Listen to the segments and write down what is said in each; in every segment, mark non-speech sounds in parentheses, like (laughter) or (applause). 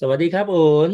สวัสดีครับโอน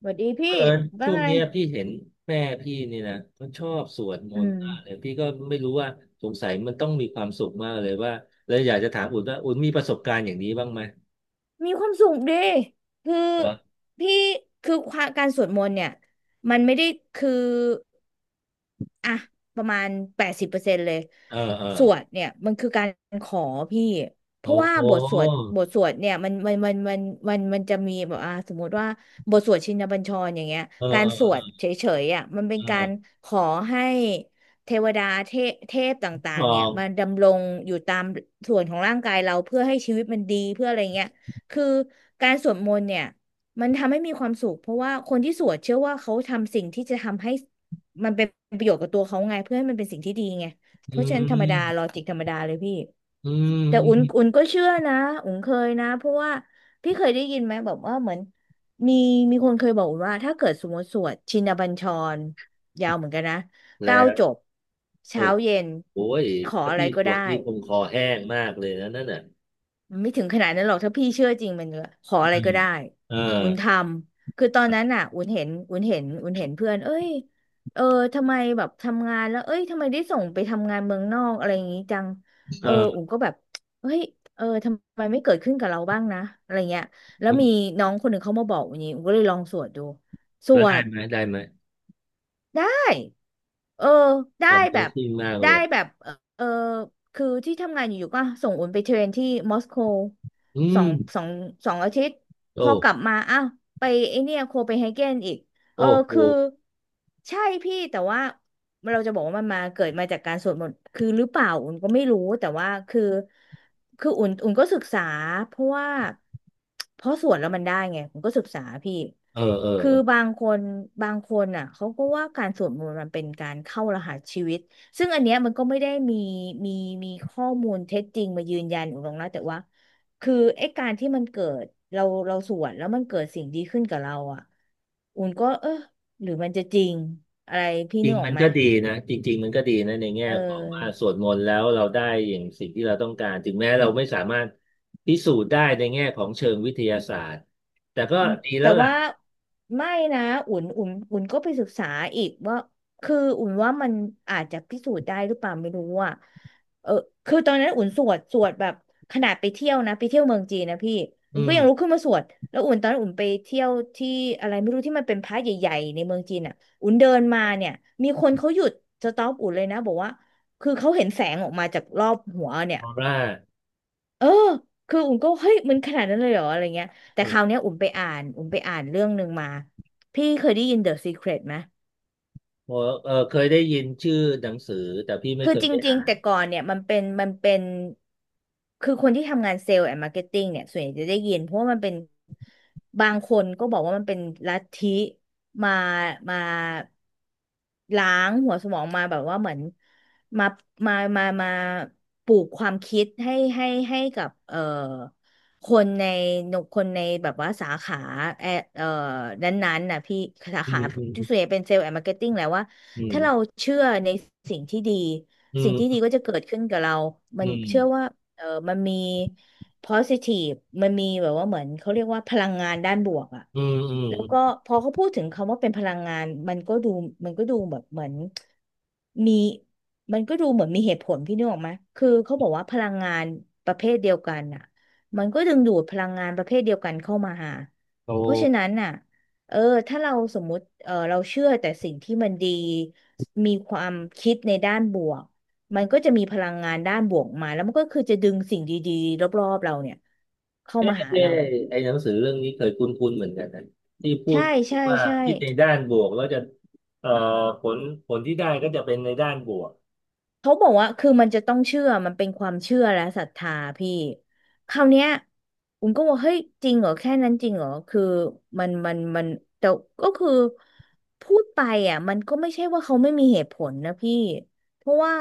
สวัสดีเอพี่อว่าช่วงไงเนี้ยพี่เห็นแม่พี่นี่นะมันชอบสวดมอืนต์ม มากเลยพี่ก็ไม่รู้ว่าสงสัยมันต้องมีความสุขมากเลยว่าเลยอยากจะถามอุ่นว่าอุ่นมีประสบการณ์อย่างนี้บ้างไหมมีความสุขดิคือเหรอพี่คือความการสวดมนต์เนี่ยมันไม่ได้คืออ่ะประมาณ80%เลยเออเออสวดเนี่ยมันคือการขอพี่เพราะโอ้ว่าโหบทสวดเนี่ยมันมันจะมีแบบสมมติว่าบทสวดชินบัญชรอย่างเงี้ยเออการเอสวดอเฉยๆอ่ะมันเป็นการเออขอให้เทวดาเทพต่าทงอๆเนี่ยงมนดำรงอยู่ตามส่วนของร่างกายเราเพื่อให้ชีวิตมันดีเพื่ออะไรเงี้ย คือการสวดมนต์เนี่ยมันทำให้มีความสุขเพราะว่าคนที่สวดเชื่อว่าเขาทำสิ่งที่จะทำให้มันเป็นประโยชน์กับตัวเขาไงเพื่อให้มันเป็นสิ่งที่ดีไงเพอืราะฉะนั้นธรรมดาลอมจิกธรรมดาเลยพี่อืมแต่อือุ่นมอุ่นก็เชื่อนะอุ่นเคยนะเพราะว่าพี่เคยได้ยินไหมแบบว่าเหมือนมีมีคนเคยบอกอุ่นว่าถ้าเกิดสมมติสวดชินบัญชรยาวเหมือนกันนะแล้เก้าวจบโอ้เช้าเย็นโหยขอถ้าอะไรพี่ก็สได้ วดนี่คงคอแห้งมากเลยนะนั่นน่ะไม่ถึงขนาดนั้นหรอกถ้าพี่เชื่อจริงมันก็ขออะไรอืมก็ได้เอออุ่นทำคือตอนนั้นน่ะอุ่นเห็นเพื่อนเอ้ยเออทำไมแบบทำงานแล้วเอ้ยทำไมได้ส่งไปทำงานเมืองนอกอะไรอย่างงี้จังเอเออออุ่นก็แบบเฮ้ยเออทำไมไม่เกิดขึ้นกับเราบ้างนะอะไรเงี้ยแล้วมีน้องคนหนึ่งเขามาบอกอุ่นนี้อุ่นก็เลยลองสวดดูสแล้ววได้ด ไหมได้ไหม ได้ เออ ได้ a อนเมแบบ ซิมากเลได้ยอะแบบเออเออคือที่ทำงานอยู่ๆก็ส่งอุ่นไปเทรนที่มอสโกอืสอมง สอง 2 อาทิตย์ พโอ้ อกลับมาอ้าวไปไอเนี่ยโคเปนเฮเกนอีก เอโอ้อโหคือใช่พี่แต่ว่าเราจะบอกว่ามันมาเกิดมาจากการสวดมนต์คือหรือเปล่าอุ่นก็ไม่รู้แต่ว่าคือคืออุ่นก็ศึกษาเพราะว่าเพราะสวดแล้วมันได้ไงอุ่นก็ศึกษาพี่เออเออคือเออบางคนอ่ะเขาก็ว่าการสวดมนต์มันเป็นการเข้ารหัสชีวิตซึ่งอันเนี้ยมันก็ไม่ได้มีมีข้อมูลเท็จจริงมายืนยันอุ่นหรอกนะแต่ว่า คือไอ้การที่มันเกิดเราสวดแล้วมันเกิดสิ่งดีขึ้นกับเราอ่ะอุ่นก็เออหรือมันจะจริงอะไรพี่จนึริงกออมักนไหมก็ดีนะจริงๆมันก็ดีนะในแง่เอของว่าสอ วดมนต์แล้วเราได้อย่างสิ่งที่เราต้องการถึงแม้เราไม่สามารถพิสูจน์ได้ในแง่ของเชิงวิทยาศาสตร์ แต่ก็อืมดีแล้แต่วล่ะว่าไม่นะอุ่นก็ไปศึกษาอีกว่าคืออุ่นว่ามันอาจจะพิสูจน์ได้หรือเปล่าไม่รู้อ่ะเออคือตอนนั้นอุ่นสวดแบบขนาดไปเที่ยวนะไปเที่ยวเมืองจีนนะพี่อุ่อืนก็มยังลุกขึ้นมาสวดแล้วอุ่นตอนนั้นอุ่นไปเที่ยวที่อะไรไม่รู้ที่มันเป็นพระใหญ่ๆในเมืองจีนอ่ะอุ่นเดินมาเนี่ยมีคนเขาหยุดสต็อปอุ่นเลยนะบอกว่าคือเขาเห็นแสงออกมาจากรอบหัวเนี่ย ออร่าเออ คืออุ่นก็เฮ้ยมันขนาดนั้นเลยเหรออะไรเงี้ย แต่คราวโอ้เนี้ยอุ่นไปอ่านเรื่องหนึ่งมา พี่เคยได้ยิน The Secret ไหม โเเออเคยได้ยินชื่อหนังสือแต่พี่ไม่คือเคจยได้ริงอ่าๆนแต่ก่อนเนี่ยมันเป็นคือคนที่ทำงานเซลล์แอนด์มาร์เก็ตติ้งเนี่ยส่วนใหญ่จะได้ยินเพราะว่ามันเป็นบางคนก็บอกว่ามันเป็นลัทธิมามาล้างหัวสมองมาแบบว่าเหมือนมามาปลูกความคิดให้กับคนในแบบว่าสาขาแอเอ่อนั้นๆน่ะพี่สาอืขามอืมที่ส่วนใหญ่เป็นเซลล์แอนด์มาร์เก็ตติ้งแหละว่า อืมถ้าเราเชื่อในสิ่งที่ดีอืสิ่งที่ดีมก็จะเกิดขึ้นกับเรา มัอืนมเชื่อว่าเออมันมี positive มันมีแบบว่าเหมือนเขาเรียกว่าพลังงานด้านบวกอะอืมอืมอืมแล้วอืก็มพอเขาพูดถึงคำว่าเป็นพลังงานมันก็ดูแบบเหมือนมีมันก็ดูเหมือนมีเหตุผลพี่นึกออกไหมคือเขาบอกว่าพลังงานประเภทเดียวกันอะมันก็ดึงดูดพลังงานประเภทเดียวกันเข้ามาหาโอเพราะฉะ้ นั้นน่ะ เออถ้าเราสมมุติเออเราเชื่อแต่สิ่งที่มันดีมีความคิดในด้านบวกมันก็จะมีพลังงานด้านบวกมาแล้วมันก็คือจะดึงสิ่งดีๆรอบๆเราเนี่ยเข้าเอ๊ะมาหาเอ๊ะเราไอ้หนังสือเรื่องนี้เคยคุ้นๆเหมือนกันนะที่พูดใช่ใช่ว่าใช่ คิดในด้านบวกแล้วจะเอ่อผลผลที่ได้ก็จะเป็นในด้านบวกเขาบอกว่าคือมันจะต้องเชื่อมันเป็นความเชื่อและศรัทธาพี่คราวเนี้ยผมก็ว่าเฮ้ยจริงเหรอแค่นั้นจริงเหรอคือมันแต่ก็คือพูดไปอ่ะมันก็ไม่ใช่ว่าเขาไม่มีเหตุผลนะพี่เพราะว่า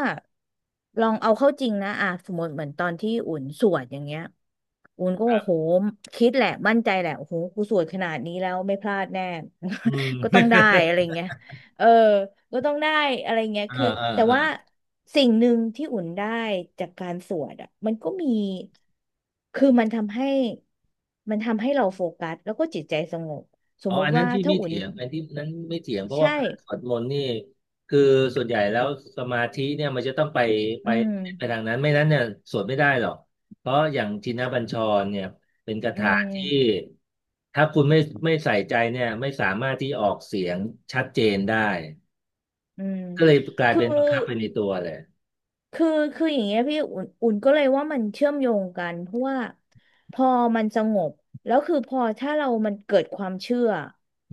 ลองเอาเข้าจริงนะอ่ะสมมติเหมือนตอนที่อุ่นสวดอย่างเงี้ยอุ่นก็คโอ้รัโหบคิดแหละมั่นใจแหละโอ้โหกูสวดขนาดนี้แล้วไม่พลาดแน่ อืม (laughs) ก็ต้องได้อะไรเงี้ย เออ ก็ต้องได้อะไรเงี้ย (laughs) เออคือเออแต่เออ ว่าสิ่งหนึ่งที่อุ่นได้จากการสวดอ่ะ มันก็มี คือมันทำให้เราโฟกัสแล้วก็จิตใจสงบ สอ๋มอมุอัตินนั้ว่านที่ถ้าไม่อุ่นเถียงอันที่นั้นไม่เถียงเพราะใช่ ว่าการสวดมนต์นี่คือส่วนใหญ่แล้วสมาธิเนี่ยมันจะต้องไปอืม ไปทางนั้นไม่นั้นเนี่ยสวดไม่ได้หรอกเพราะอย่างทินบัญชรเนี่ยเป็นคาอืถาม ที่ถ้าคุณไม่ใส่ใจเนี่ยไม่สามารถที่ออกเสียงชัดเจนได้อืม ก็เลยกลายคือ เป็นบังคับไปในตัวเลยคือคืออย่างเงี้ยพี่อุ่นก็เลยว่ามันเชื่อมโยงกันเพราะว่าพอมันสงบแล้วคือพอถ้าเรามันเกิดความเชื่อ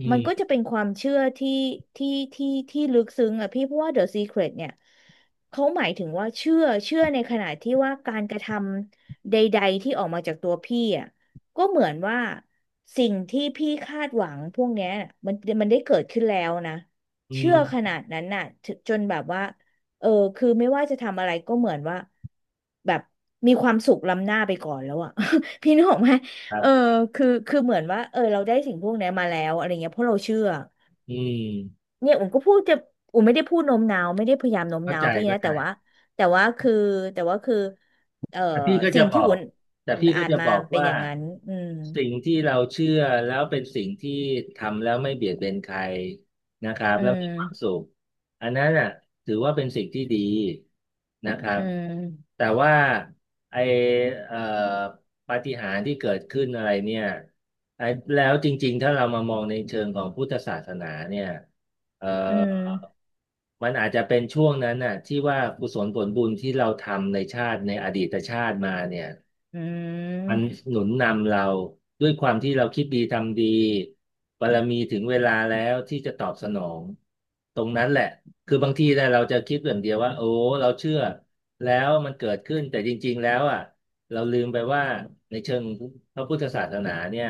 อืมันก็มจะเป็นความเชื่อที่ที่ที่ลึกซึ้งอ่ะพี่เพราะว่า The Secret เนี่ยเขาหมายถึงว่าเชื่อในขณะที่ว่าการกระทำใดๆที่ออกมาจากตัวพี่อ่ะก็เหมือนว่าสิ่งที่พี่คาดหวังพวกเนี้ยมันมันได้เกิดขึ้นแล้วนะอืเชื่อขมนาดนั้นน่ะถึจนแบบว่า เออคือไม่ว่าจะทำอะไรก็เหมือนว่าแบบมีความสุขล้ำหน้าไปก่อนแล้วอะ (laughs) พี่นึกออกไหมครัเออบคือเหมือนว่าเออเราได้สิ่งพวกนี้มาแล้วอะไรเงี้ยเพราะเราเชื่ออืมเนี่ยอุ่นก็พูดจะอุ่นไม่ได้พูดโน้มน้าวไม่ได้พยายามโน้มเข้าน้าวใจพี่เข้านะใจ แต่ว่าแต่ว่าคือแต่ว่าคือเออแต่พี่ก็สิ่จะงบที่ออุ่กนแต่พี่ก็อ่านจะมาบอกเป็นว่าอย่างนั้นอืมสิ่งที่เราเชื่อแล้วเป็นสิ่งที่ทำแล้วไม่เบียดเบียนใครนะครับอืแล้วมีความสุมขอันนั้นอ่ะถือว่าเป็นสิ่งที่ดีนะครัอืบมแต่ว่าไอเอ่อปาฏิหาริย์ที่เกิดขึ้นอะไรเนี่ยไอแล้วจริงๆถ้าเรามามองในเชิงของพุทธศาสนาเนี่ย เอ่อือมมันอาจจะเป็นช่วงนั้นน่ะที่ว่ากุศลผลบุญที่เราทำในชาติในอดีตชาติมาเนี่ยอืมันม หนุนนำเราด้วยความที่เราคิดดีทำดีบารมีถึงเวลาแล้วที่จะตอบสนองตรงนั้นแหละคือบางทีเนี่ยเราจะคิดอย่างเดียวว่าโอ้เราเชื่อแล้วมันเกิดขึ้นแต่จริงๆแล้วอ่ะเราลืมไปว่าในเชิงพระพุทธศาสนาเนี่ย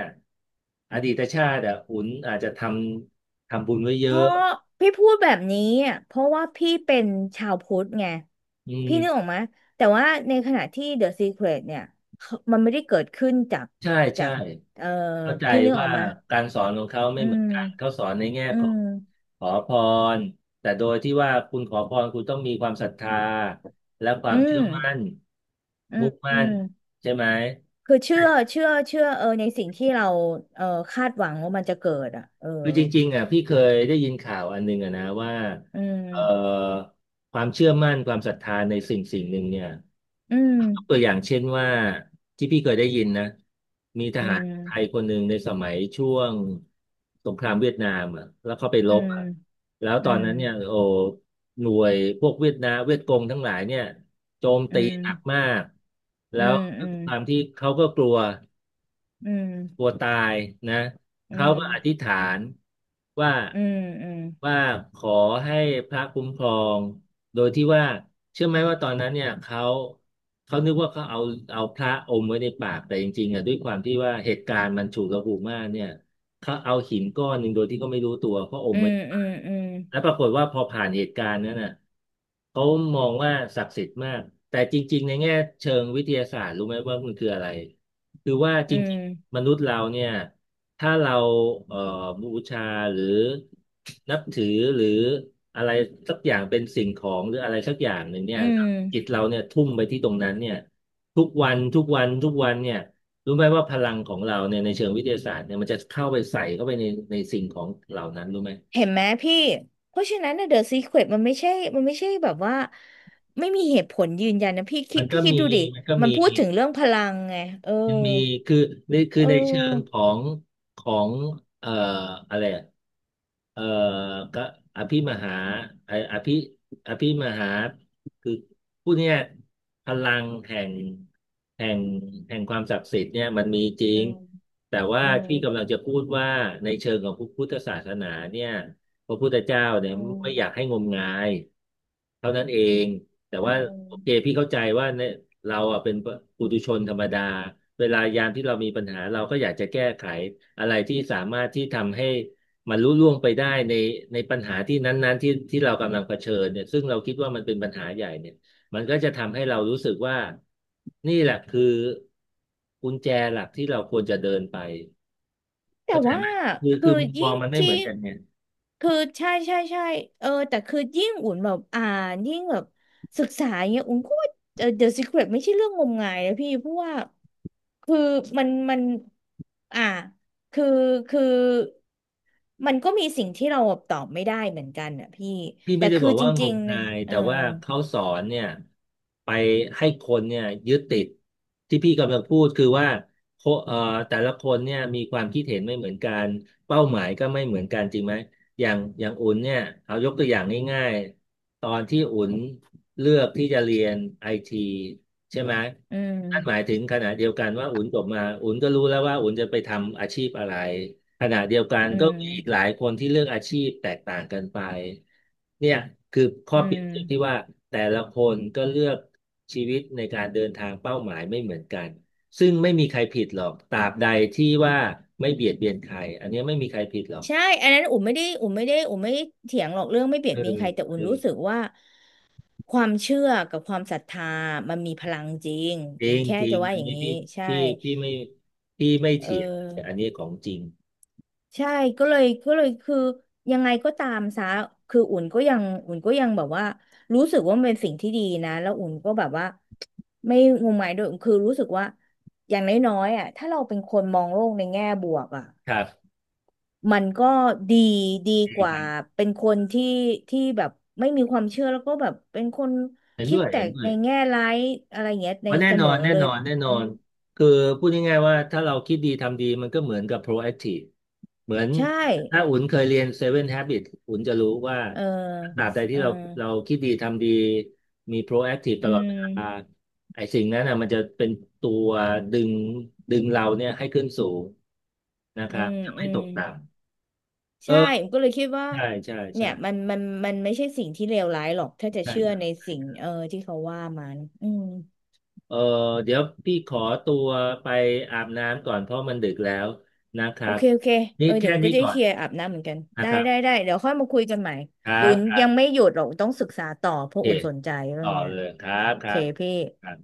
อดีตชาติอ่ะหุนอาจจะทำบุญไว้เพเยราะอะพี่พูดแบบนี้อะเพราะว่าพี่เป็นชาวพุทธไงอืพี่นึกออกม ไหมแต่ว่าในขณะที่ The Secret เนี่ยเขามันไม่ได้เกิดขึ้นจากใช่จาใช่กเอ่อเข้าใจพี่นึกอว่าอกไหมการสอนของเขาไม่อืเหมือนมกันเขาสอนในแง่อืขอมงขอพรแต่โดยที่ว่าคุณขอพรคุณต้องมีความศรัทธาและคอืวามเชื่อมมั่นอืมมุ่งอืมั่นมใช่ไหม คือเชื่อเออในสิ่งที่เราเออคาดหวังว่ามันจะเกิดอ่ะเออคือจริงๆอ่ะพี่เคยได้ยินข่าวอันหนึงอ่ะนะว่าอืเอ่อมความเชื่อมั่นความศรัทธาในสิ่งสิ่งหนึ่งเนี่ยอืมยกตัวอย่างเช่นว่าที่พี่เคยได้ยินนะมีทอืหารไทยมคนหนึ่งในสมัยช่วงสงครามเวียดนามอ่ะแล้วเขาไปรอืบมอ่ะแล้วตอือนมนั้นเนี่ยโอ้หน่วยพวกเวียดนามเวียดกงทั้งหลายเนี่ยโจมอืตีหนักมามกอืแล้วด้วยความมที่เขาก็กลัว อืมกลัวตายนะอืเขามอืก็อธิษมฐานว่าอืมอืม ว่าขอให้พระคุ้มครอง โดยที่ว่าเชื่อไหมว่าตอนนั้นเนี่ยเขานึกว่าเขาเอาพระอมไว้ในปากแต่จริงๆอ่ะด้วยความที่ว่าเหตุการณ์มันฉุกละหุกมากเนี่ยเขาเอาหินก้อนหนึ่งโดยที่เขาไม่รู้ตัวเขาออืมไว้มอืมอืมแล้วปรากฏว่าพอผ่านเหตุการณ์นั้นน่ะเขามองว่าศักดิ์สิทธิ์มากแต่จริงๆในแง่เชิงวิทยาศาสตร์รู้ไหมว่ามันคืออะไร คือว่าจอืมริงๆมนุษย์เราเนี่ยถ้าเราเอ่อบูชาหรือนับถือหรืออะไรสักอย่างเป็นสิ่งของหรืออะไรสักอย่างหนึ่งเนี่อืยมจิตเราเนี่ยทุ่มไปที่ตรงนั้นเนี่ยทุกวันทุกวันทุกวันเนี่ยรู้ไหมว่าพลังของเราเนี่ยในเชิงวิทยาศาสตร์เนี่ยมันจะเข้าไปใส่เข้าไปในในสิ่งของเหล่านั้นรู้ไหมเห็นไหมพี่เพราะฉะนั้นเดอะซีเครตมันไม่ใช่มันไม่ใช่แบบว่าไม่มีเหตุผลยืนยันนะพี่คิมัดนก็พี่คิดมีดูดิมันก็มันมี พูดถึงเรื่องพลังไงเออยังมีคือในคืเอในเชิงออของของเอ่ออะไรอะเอ่อก็อภิมหาไออภิอภิมหาคือผู้เนี้ยพลังแห่งแห่งความศักดิ์สิทธิ์เนี่ยมันมีจริอืงมแต่ว่าอืมที่กำลังจะพูดว่าในเชิงของพุทธศาสนาเนี่ยพระพุทธเจ้าเนี่ยอืมไม่อยากให้งมงายเท่านั้นเอง แต่อืว่าม โอเคพี่เข้าใจว่าเนี่ยเราอ่ะเป็นปุถุชนธรรมดาเวลายามที่เรามีปัญหาเราก็อยากจะแก้ไขอะไรที่สามารถที่ทำให้มันลุล่วงไปได้ในปัญหาที่นั้นๆที่เรากำลังเผชิญเนี่ยซึ่งเราคิดว่ามันเป็นปัญหาใหญ่เนี่ยมันก็จะทำให้เรารู้สึกว่านี่แหละคือกุญแจหลักที่เราควรจะเดินไปแต่เข้าใจว่าไหมคือคืคืออมุมมอยิ่งงมันไม่เหมืที่อนกันเนี่ย คือใช่เออแต่คือยิ่งอุ่นแบบอ่านยิ่งแบบศึกษาอย่างเงี้ยอุ่นก็ว่าเออ The Secret ไม่ใช่เรื่องงมงายนะพี่เพราะว่าคือมันอ่าคือคือมันก็มีสิ่งที่เราตอบไม่ได้เหมือนกันอ่ะพี่พี่แต่ไม่ได้คืบออกจว่างริงมๆเนี่ยงายเออแต่ว่าเขาสอนเนี่ยไปให้คนเนี่ยยึดติดที่พี่กำลังพูดคือว่าโคเอ่อแต่ละคนเนี่ยมีความคิดเห็นไม่เหมือนกันเป้าหมายก็ไม่เหมือนกันจริงไหมอย่างอุ่นเนี่ยเอายกตัวอย่างง่ายๆตอนที่อุ่นเลือกที่จะเรียนไอทีใช่ไหมอืนั่นหมายมถึงขณะเดียวกันว่าอุ่นจบมาอุ่นก็รู้แล้วว่าอุ่นจะไปทำอาชีพอะไร ขณะเดียวกันอืก็มีอีกหมลายคนที่เลือกอาชีพแตกต่างกันไปเนี่ยคือข้ออืเปรียบเทียบที่มว่าแต่ละคนก็เลือกชีวิตในการเดินทางเป้าหมายไม่เหมือนกันซึ่งไม่มีใครผิดหรอกตราบใดที่ว่าไม่เบียดเบียนใครอันเนี้ยไม่มีใครผิดหรอกใช่อันนั้นอุ่มไม่ได้เถียงหรอกเรื่องไม่เบียเอดอเบียนใครแต่อุ่เอนอรู้สึกว่า ความเชื่อกับความศรัทธามันมีพลังจริงจอุ่รินงแค่จริจะงว่าอัอนย่างนี้นี้ใช่พี่พี่ไม่พี่ไม่เอเถียงอันอนี้ของจริงใช่ก็เลยคือยังไงก็ตามซะคืออุ่นก็ยังแบบว่ารู้สึกว่ามันเป็นสิ่งที่ดีนะแล้วอุ่นก็แบบว่าไม่งมงายด้วยคือรู้สึกว่าอย่างน้อยๆอ่ะถ้าเราเป็นคนมองโลกในแง่บวกอ่ะ ครับมันก็ดีดีกคว่ารับเป็นคนที่ที่แบบไม่มีความเชื่อแล้วก็แบบเป็นคนเห็นคิด้ดวยแต่เห็นด้วในย แง่ร้ายอะไรอย่างเงี้ยในอ๋อแน่เสนอมอนแน่เลยนอนแน่นออืมนคือพูดง่ายๆว่าถ้าเราคิดดีทำดีมันก็เหมือนกับ proactive เหมือนใช่ถ้าอุ่นเคยเรียน Seven Habits อุ่นจะรู้ว่าเออตราบใดเอที่อเราเราคิดดีทำดีมี proactive อืตลอดเวลามไอ้สิ่งนั้นนะมันจะเป็นตัวดึงดึงเราเนี่ยให้ขึ้นสูงนะคอืรับมจะอืไม่ตมกต่ำเออใช่ก็เลยคิดว่าใช่ใช่เนี่ใช่ยมันไม่ใช่สิ่งที่เลวร้ายหรอกถ้าจะใช่เชื่อครในสิ่งับ เออที่เขาว่ามันอืม เออเดี๋ยวพี่ขอตัวไปอาบน้ำก่อนเพราะมันดึกแล้วนะคโอรับเคโอเคเอนี่อเดี๋ยวแค่อุ่นก็นี้จะก่อเคนลียร์อาบน้ำเหมือนกันนะได้ครับได้ได้เดี๋ยวค่อยมาคุยกันใหม่ครัเดี๋ยวบอุ่นครัยังบไม่หยุดหรอกอุนต้องศึกษาต่อเพโอราะเคอุ่นสนใจเรื่อต่งอเนี้ยเลยครับโอคเครพี่ับ